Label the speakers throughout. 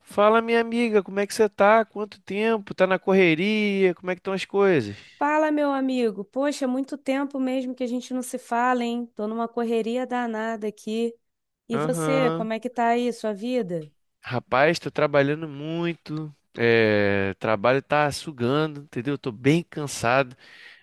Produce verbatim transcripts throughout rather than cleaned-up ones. Speaker 1: Fala, minha amiga, como é que você tá? Quanto tempo? Tá na correria? Como é que estão as coisas?
Speaker 2: Fala, meu amigo. Poxa, muito tempo mesmo que a gente não se fala, hein? Tô numa correria danada aqui. E você,
Speaker 1: Aham.
Speaker 2: como é que tá aí, sua vida?
Speaker 1: Rapaz, tô trabalhando muito. É, trabalho tá sugando, entendeu? Tô bem cansado.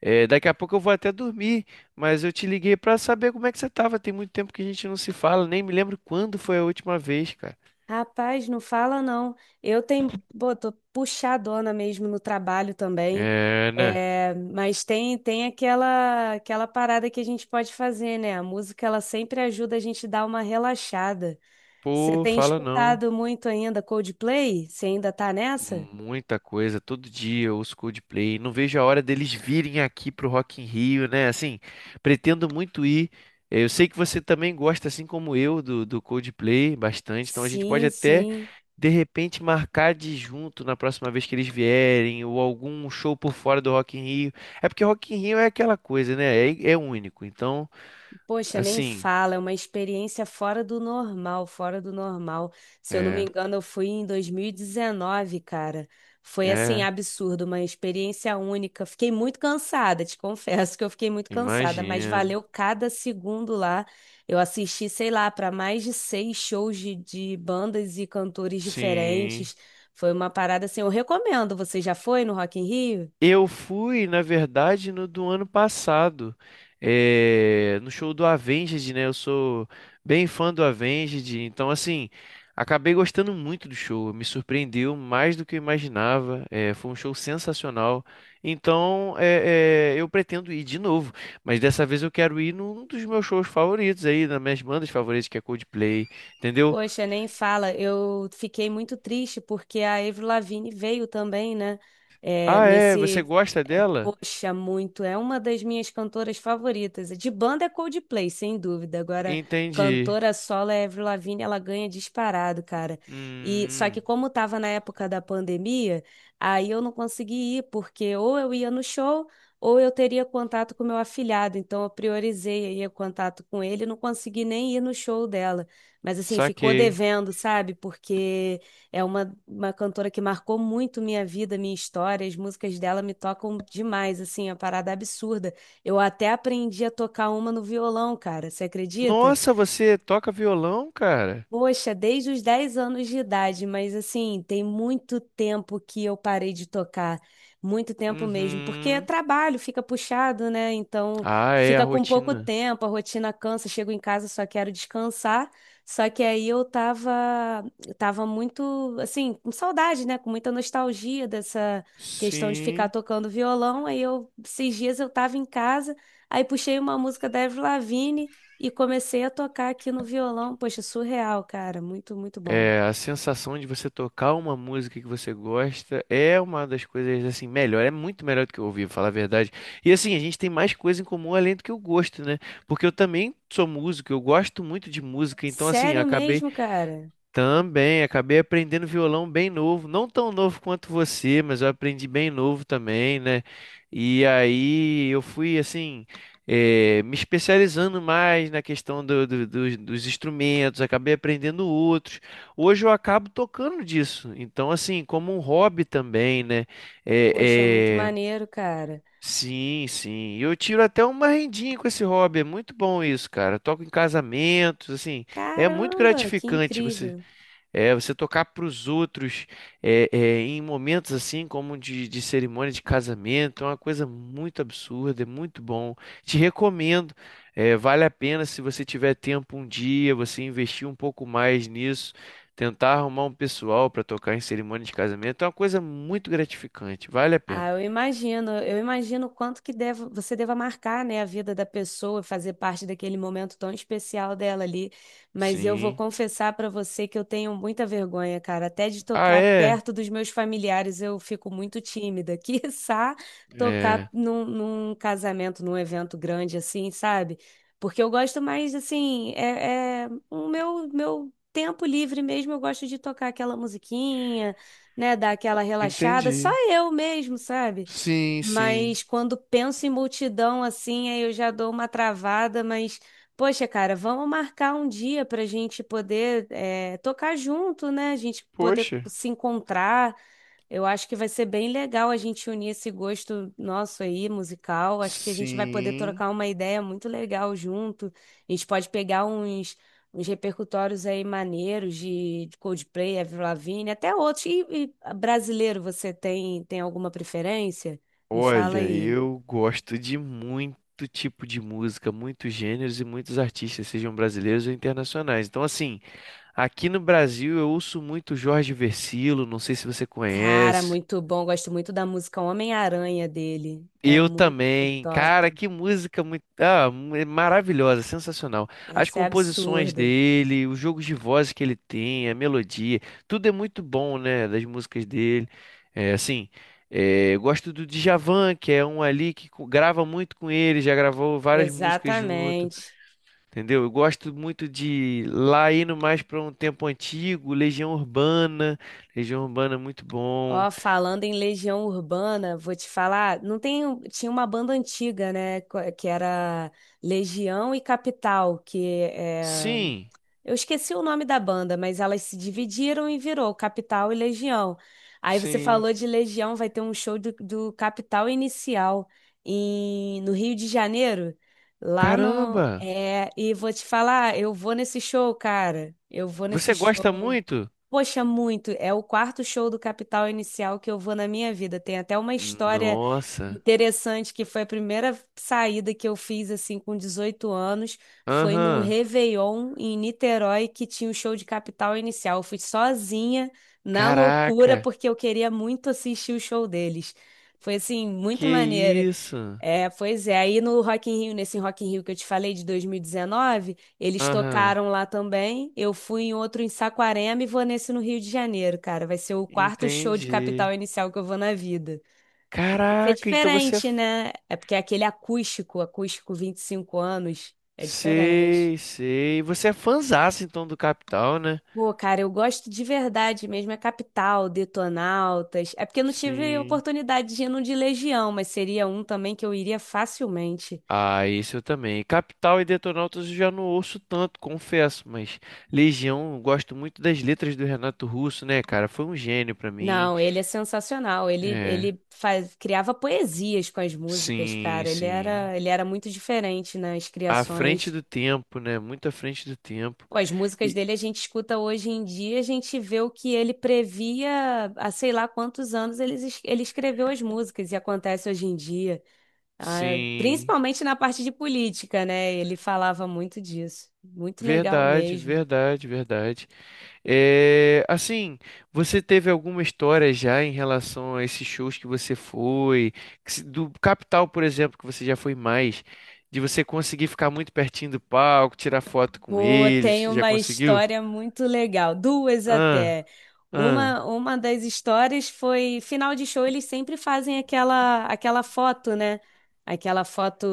Speaker 1: É, daqui a pouco eu vou até dormir, mas eu te liguei pra saber como é que você tava. Tem muito tempo que a gente não se fala, nem me lembro quando foi a última vez, cara.
Speaker 2: Rapaz, não fala não. Eu tenho, pô, tô puxadona mesmo no trabalho também.
Speaker 1: É, né?
Speaker 2: É, mas tem tem aquela aquela parada que a gente pode fazer, né? A música ela sempre ajuda a gente dar uma relaxada. Você
Speaker 1: Pô,
Speaker 2: tem
Speaker 1: fala não.
Speaker 2: escutado muito ainda Coldplay? Você ainda tá nessa?
Speaker 1: Muita coisa, todo dia os Coldplay. Não vejo a hora deles virem aqui pro Rock in Rio, né? Assim, pretendo muito ir. Eh, Eu sei que você também gosta, assim como eu, do, do Coldplay bastante. Então a gente pode
Speaker 2: Sim,
Speaker 1: até,
Speaker 2: sim.
Speaker 1: de repente, marcar de junto na próxima vez que eles vierem, ou algum show por fora do Rock in Rio. É porque Rock in Rio é aquela coisa, né? É, é único. Então,
Speaker 2: Poxa, nem
Speaker 1: assim,
Speaker 2: fala, é uma experiência fora do normal, fora do normal. Se eu não me
Speaker 1: é,
Speaker 2: engano, eu fui em dois mil e dezenove, cara. Foi assim,
Speaker 1: é,
Speaker 2: absurdo, uma experiência única. Fiquei muito cansada, te confesso que eu fiquei muito cansada, mas
Speaker 1: imagino.
Speaker 2: valeu cada segundo lá. Eu assisti, sei lá, para mais de seis shows de, de bandas e cantores
Speaker 1: Sim.
Speaker 2: diferentes. Foi uma parada assim, eu recomendo. Você já foi no Rock in Rio?
Speaker 1: Eu fui, na verdade, no do ano passado, eh, no show do Avenged, né? Eu sou bem fã do Avenged, então, assim, acabei gostando muito do show, me surpreendeu mais do que eu imaginava, eh, foi um show sensacional. Então, eh, eh, eu pretendo ir de novo, mas dessa vez eu quero ir num dos meus shows favoritos aí, das minhas bandas favoritas, que é Coldplay, entendeu?
Speaker 2: Poxa, nem fala. Eu fiquei muito triste porque a Avril Lavigne veio também, né? É,
Speaker 1: Ah, é? Você
Speaker 2: nesse
Speaker 1: gosta dela?
Speaker 2: Poxa, muito. É uma das minhas cantoras favoritas. De banda é Coldplay, sem dúvida. Agora,
Speaker 1: Entendi.
Speaker 2: cantora solo é Avril Lavigne, ela ganha disparado, cara. E só que
Speaker 1: Hum,
Speaker 2: como tava na época da pandemia, aí eu não consegui ir, porque ou eu ia no show, ou eu teria contato com meu afilhado. Então eu priorizei aí o contato com ele, não consegui nem ir no show dela. Mas assim, ficou
Speaker 1: saquei.
Speaker 2: devendo, sabe? Porque é uma, uma cantora que marcou muito minha vida, minha história. As músicas dela me tocam demais, assim, é uma parada absurda. Eu até aprendi a tocar uma no violão, cara. Você acredita?
Speaker 1: Nossa, você toca violão, cara?
Speaker 2: Poxa, desde os dez anos de idade, mas assim, tem muito tempo que eu parei de tocar, muito tempo mesmo, porque é
Speaker 1: Uhum.
Speaker 2: trabalho, fica puxado, né? Então,
Speaker 1: Ah, é a
Speaker 2: fica com pouco
Speaker 1: rotina.
Speaker 2: tempo, a rotina cansa, chego em casa, só quero descansar. Só que aí eu tava, eu tava muito, assim, com saudade, né? Com muita nostalgia dessa questão de ficar
Speaker 1: Sim.
Speaker 2: tocando violão. Aí eu, esses dias eu tava em casa, aí puxei uma música da Avril Lavigne. E comecei a tocar aqui no violão. Poxa, surreal, cara. Muito, muito bom.
Speaker 1: É, a sensação de você tocar uma música que você gosta é uma das coisas assim melhor, é muito melhor do que ouvir, pra falar a verdade. E assim, a gente tem mais coisa em comum além do que o gosto, né? Porque eu também sou músico, eu gosto muito de música, então assim,
Speaker 2: Sério
Speaker 1: acabei.
Speaker 2: mesmo, cara?
Speaker 1: Também, acabei aprendendo violão bem novo, não tão novo quanto você, mas eu aprendi bem novo também, né? E aí eu fui assim, eh, me especializando mais na questão do- do- dos, dos instrumentos, acabei aprendendo outros. Hoje eu acabo tocando disso, então assim, como um hobby também, né?
Speaker 2: Poxa, muito
Speaker 1: É, é,
Speaker 2: maneiro, cara.
Speaker 1: sim, sim. E eu tiro até uma rendinha com esse hobby. É muito bom isso, cara. Eu toco em casamentos, assim. É muito
Speaker 2: Caramba, que
Speaker 1: gratificante você
Speaker 2: incrível.
Speaker 1: é, você tocar para os outros é, é, em momentos assim como de, de cerimônia de casamento é uma coisa muito absurda, é muito bom. Te recomendo, é, vale a pena se você tiver tempo um dia, você investir um pouco mais nisso, tentar arrumar um pessoal para tocar em cerimônia de casamento é uma coisa muito gratificante, vale a
Speaker 2: Ah,
Speaker 1: pena.
Speaker 2: eu imagino, eu imagino o quanto que deve, você deva marcar, né, a vida da pessoa, fazer parte daquele momento tão especial dela ali. Mas eu vou
Speaker 1: Sim.
Speaker 2: confessar para você que eu tenho muita vergonha, cara, até de
Speaker 1: Ah,
Speaker 2: tocar
Speaker 1: é?
Speaker 2: perto dos meus familiares eu fico muito tímida. Quiçá tocar
Speaker 1: É.
Speaker 2: num, num casamento, num evento grande assim, sabe? Porque eu gosto mais, assim, é, é o meu, meu tempo livre mesmo, eu gosto de tocar aquela musiquinha, né, dar aquela relaxada, só
Speaker 1: Entendi.
Speaker 2: eu mesmo, sabe?
Speaker 1: Sim, sim.
Speaker 2: Mas quando penso em multidão assim, aí eu já dou uma travada, mas poxa, cara, vamos marcar um dia pra gente poder é, tocar junto, né? A gente poder
Speaker 1: Poxa.
Speaker 2: se encontrar. Eu acho que vai ser bem legal a gente unir esse gosto nosso aí, musical. Acho que a gente vai poder
Speaker 1: Sim.
Speaker 2: trocar uma ideia muito legal junto. A gente pode pegar uns uns repercutórios aí maneiros de, de Coldplay, Avril Lavigne, até outros. E, e brasileiro, você tem, tem alguma preferência? Me fala
Speaker 1: Olha,
Speaker 2: aí.
Speaker 1: eu gosto de muito tipo de música, muitos gêneros e muitos artistas, sejam brasileiros ou internacionais. Então, assim, aqui no Brasil eu ouço muito Jorge Vercillo, não sei se você
Speaker 2: Cara,
Speaker 1: conhece.
Speaker 2: muito bom. Gosto muito da música Homem-Aranha dele. É
Speaker 1: Eu
Speaker 2: muito
Speaker 1: também. Cara,
Speaker 2: top.
Speaker 1: que música muito, ah, mu- é maravilhosa, sensacional. As
Speaker 2: Essa é
Speaker 1: composições
Speaker 2: absurda.
Speaker 1: dele, os jogos de voz que ele tem, a melodia, tudo é muito bom, né, das músicas dele. É, assim, é, eu gosto do Djavan, que é um ali que co- grava muito com ele, já gravou várias músicas junto,
Speaker 2: Exatamente.
Speaker 1: entendeu? Eu gosto muito de lá indo mais para um tempo antigo, Legião Urbana. Legião Urbana é muito bom.
Speaker 2: Ó, falando em Legião Urbana, vou te falar, não tem, um- tinha uma banda antiga, né, co- que era Legião e Capital, que é...
Speaker 1: Sim,
Speaker 2: Eu esqueci o nome da banda, mas elas se dividiram e virou Capital e Legião. Aí você
Speaker 1: sim.
Speaker 2: falou de Legião, vai ter um show do, do Capital Inicial em, no Rio de Janeiro, lá no...
Speaker 1: Caramba!
Speaker 2: É, e vou te falar, eu vou nesse show, cara. Eu vou nesse
Speaker 1: Você
Speaker 2: show.
Speaker 1: gosta muito?
Speaker 2: Poxa, muito. É o quarto show do Capital Inicial que eu vou na minha vida. Tem até uma história
Speaker 1: Nossa.
Speaker 2: interessante que foi a primeira saída que eu fiz assim com dezoito anos. Foi num
Speaker 1: Aham.
Speaker 2: Réveillon em Niterói que tinha o show de Capital Inicial. Eu fui sozinha, na loucura,
Speaker 1: Caraca.
Speaker 2: porque eu queria muito assistir o show deles. Foi assim, muito maneiro.
Speaker 1: Que isso?
Speaker 2: É, pois é. Aí no Rock in Rio, nesse Rock in Rio que eu te falei de dois mil e dezenove, eles
Speaker 1: Aham.
Speaker 2: tocaram lá também. Eu fui em outro em Saquarema e vou nesse no Rio de Janeiro, cara. Vai ser o quarto show de Capital
Speaker 1: Entendi.
Speaker 2: Inicial que eu vou na vida. Vai ser
Speaker 1: Caraca, então você é.
Speaker 2: diferente,
Speaker 1: f-
Speaker 2: né? É porque é aquele acústico, acústico vinte e cinco anos, é diferente.
Speaker 1: Sei, sei. Você é fãzaço então do Capital, né?
Speaker 2: Pô, cara, eu gosto de verdade mesmo, é Capital, Detonautas. É porque eu não tive
Speaker 1: Sim.
Speaker 2: oportunidade de ir no de Legião, mas seria um também que eu iria facilmente.
Speaker 1: Ah, isso eu também. Capital e Detonautas eu já não ouço tanto, confesso, mas Legião, eu gosto muito das letras do Renato Russo, né, cara? Foi um gênio pra mim.
Speaker 2: Não, ele é sensacional. Ele,
Speaker 1: É.
Speaker 2: ele faz, criava poesias com as músicas,
Speaker 1: Sim,
Speaker 2: cara. Ele
Speaker 1: sim.
Speaker 2: era, ele era muito diferente nas
Speaker 1: À frente
Speaker 2: criações.
Speaker 1: do tempo, né? Muito à frente do tempo.
Speaker 2: Pô, as músicas
Speaker 1: E
Speaker 2: dele a gente escuta hoje em dia, a gente vê o que ele previa há sei lá quantos anos ele, es- ele escreveu as músicas e acontece hoje em dia. Ah,
Speaker 1: sim,
Speaker 2: principalmente na parte de política, né? Ele falava muito disso. Muito legal
Speaker 1: verdade,
Speaker 2: mesmo.
Speaker 1: verdade, verdade. É, assim, você teve alguma história já em relação a esses shows que você foi, que se- do Capital, por exemplo, que você já foi mais, de você conseguir ficar muito pertinho do palco, tirar foto com
Speaker 2: Pô,
Speaker 1: eles,
Speaker 2: tem
Speaker 1: já
Speaker 2: uma
Speaker 1: conseguiu?
Speaker 2: história muito legal, duas
Speaker 1: Ah,
Speaker 2: até.
Speaker 1: ah,
Speaker 2: Uma, uma das histórias foi, final de show, eles sempre fazem aquela, aquela foto, né? Aquela foto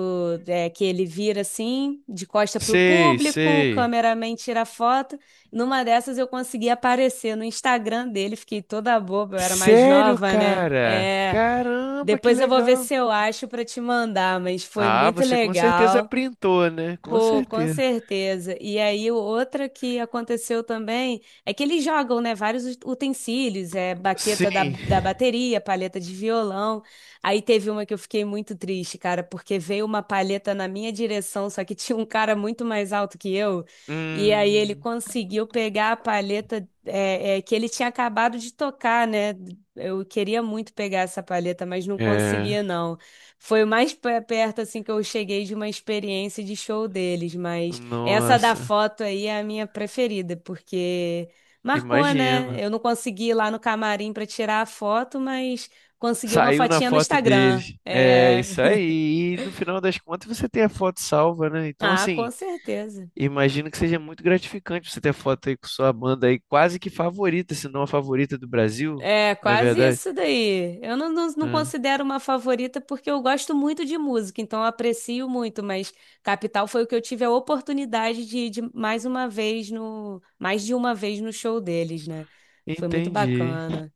Speaker 2: é, que ele vira assim, de costa pro
Speaker 1: sei,
Speaker 2: público, o
Speaker 1: sei.
Speaker 2: cameraman tira a foto. Numa dessas eu consegui aparecer no Instagram dele, fiquei toda boba, eu era mais
Speaker 1: Sério,
Speaker 2: nova, né?
Speaker 1: cara?
Speaker 2: É,
Speaker 1: Caramba, que
Speaker 2: depois eu vou ver
Speaker 1: legal!
Speaker 2: se eu acho para te mandar, mas foi
Speaker 1: Ah,
Speaker 2: muito
Speaker 1: você com certeza
Speaker 2: legal.
Speaker 1: printou, né? Com
Speaker 2: Pô, com
Speaker 1: certeza.
Speaker 2: certeza. E aí, o- outra que aconteceu também é que eles jogam, né, vários ut- utensílios, é baqueta da,
Speaker 1: Sim.
Speaker 2: da bateria, palheta de violão. Aí teve uma que eu fiquei muito triste, cara, porque veio uma palheta na minha direção, só que tinha um cara muito mais alto que eu. E aí ele
Speaker 1: Hum,
Speaker 2: conseguiu pegar a palheta é, é, que ele tinha acabado de tocar, né? Eu queria muito pegar essa palheta, mas não
Speaker 1: é.
Speaker 2: conseguia, não. Foi o mais pe- perto assim que eu cheguei de uma experiência de show deles, mas essa da
Speaker 1: Nossa,
Speaker 2: foto aí é a minha preferida, porque marcou, né?
Speaker 1: imagino.
Speaker 2: Eu não consegui ir lá no camarim para tirar a foto, mas consegui uma
Speaker 1: Saiu na
Speaker 2: fotinha no
Speaker 1: foto
Speaker 2: Instagram.
Speaker 1: deles. É,
Speaker 2: É...
Speaker 1: isso aí. E no final das contas você tem a foto salva, né? Então,
Speaker 2: Ah, com
Speaker 1: assim,
Speaker 2: certeza.
Speaker 1: imagino que seja muito gratificante você ter a foto aí com sua banda aí, quase que favorita, se não a favorita do Brasil,
Speaker 2: É,
Speaker 1: na
Speaker 2: quase
Speaker 1: verdade.
Speaker 2: isso daí. Eu não, não, não
Speaker 1: É,
Speaker 2: considero uma favorita porque eu gosto muito de música, então eu aprecio muito, mas Capital foi o que eu tive a oportunidade de ir de mais uma vez no, mais de uma vez no show deles, né? Foi muito
Speaker 1: entendi.
Speaker 2: bacana.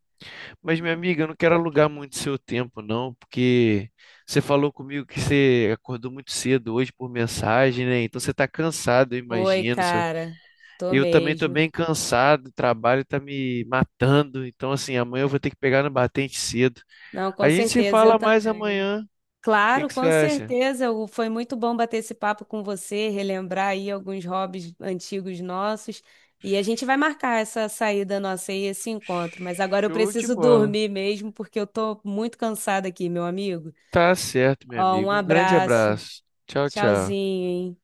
Speaker 1: Mas, minha amiga, eu não quero alugar muito seu tempo, não, porque você falou comigo que você acordou muito cedo hoje por mensagem, né? Então você está cansado, eu
Speaker 2: Foi,
Speaker 1: imagino. seu-
Speaker 2: cara. Tô
Speaker 1: Eu também estou
Speaker 2: mesmo.
Speaker 1: bem cansado, o trabalho está me matando. Então, assim, amanhã eu vou ter que pegar no batente cedo.
Speaker 2: Não, com
Speaker 1: A gente se
Speaker 2: certeza, eu
Speaker 1: fala mais
Speaker 2: também.
Speaker 1: amanhã. O que
Speaker 2: Claro,
Speaker 1: que você
Speaker 2: com
Speaker 1: acha?
Speaker 2: certeza. o- Foi muito bom bater esse papo com você, relembrar aí alguns hobbies antigos nossos. E a gente vai marcar essa saída nossa aí, esse encontro. Mas agora eu
Speaker 1: Show de
Speaker 2: preciso
Speaker 1: bola.
Speaker 2: dormir mesmo, porque eu tô muito cansada aqui, meu amigo.
Speaker 1: Tá certo, meu
Speaker 2: Ó, um
Speaker 1: amigo. Um grande
Speaker 2: abraço.
Speaker 1: abraço. Tchau, tchau.
Speaker 2: Tchauzinho, hein?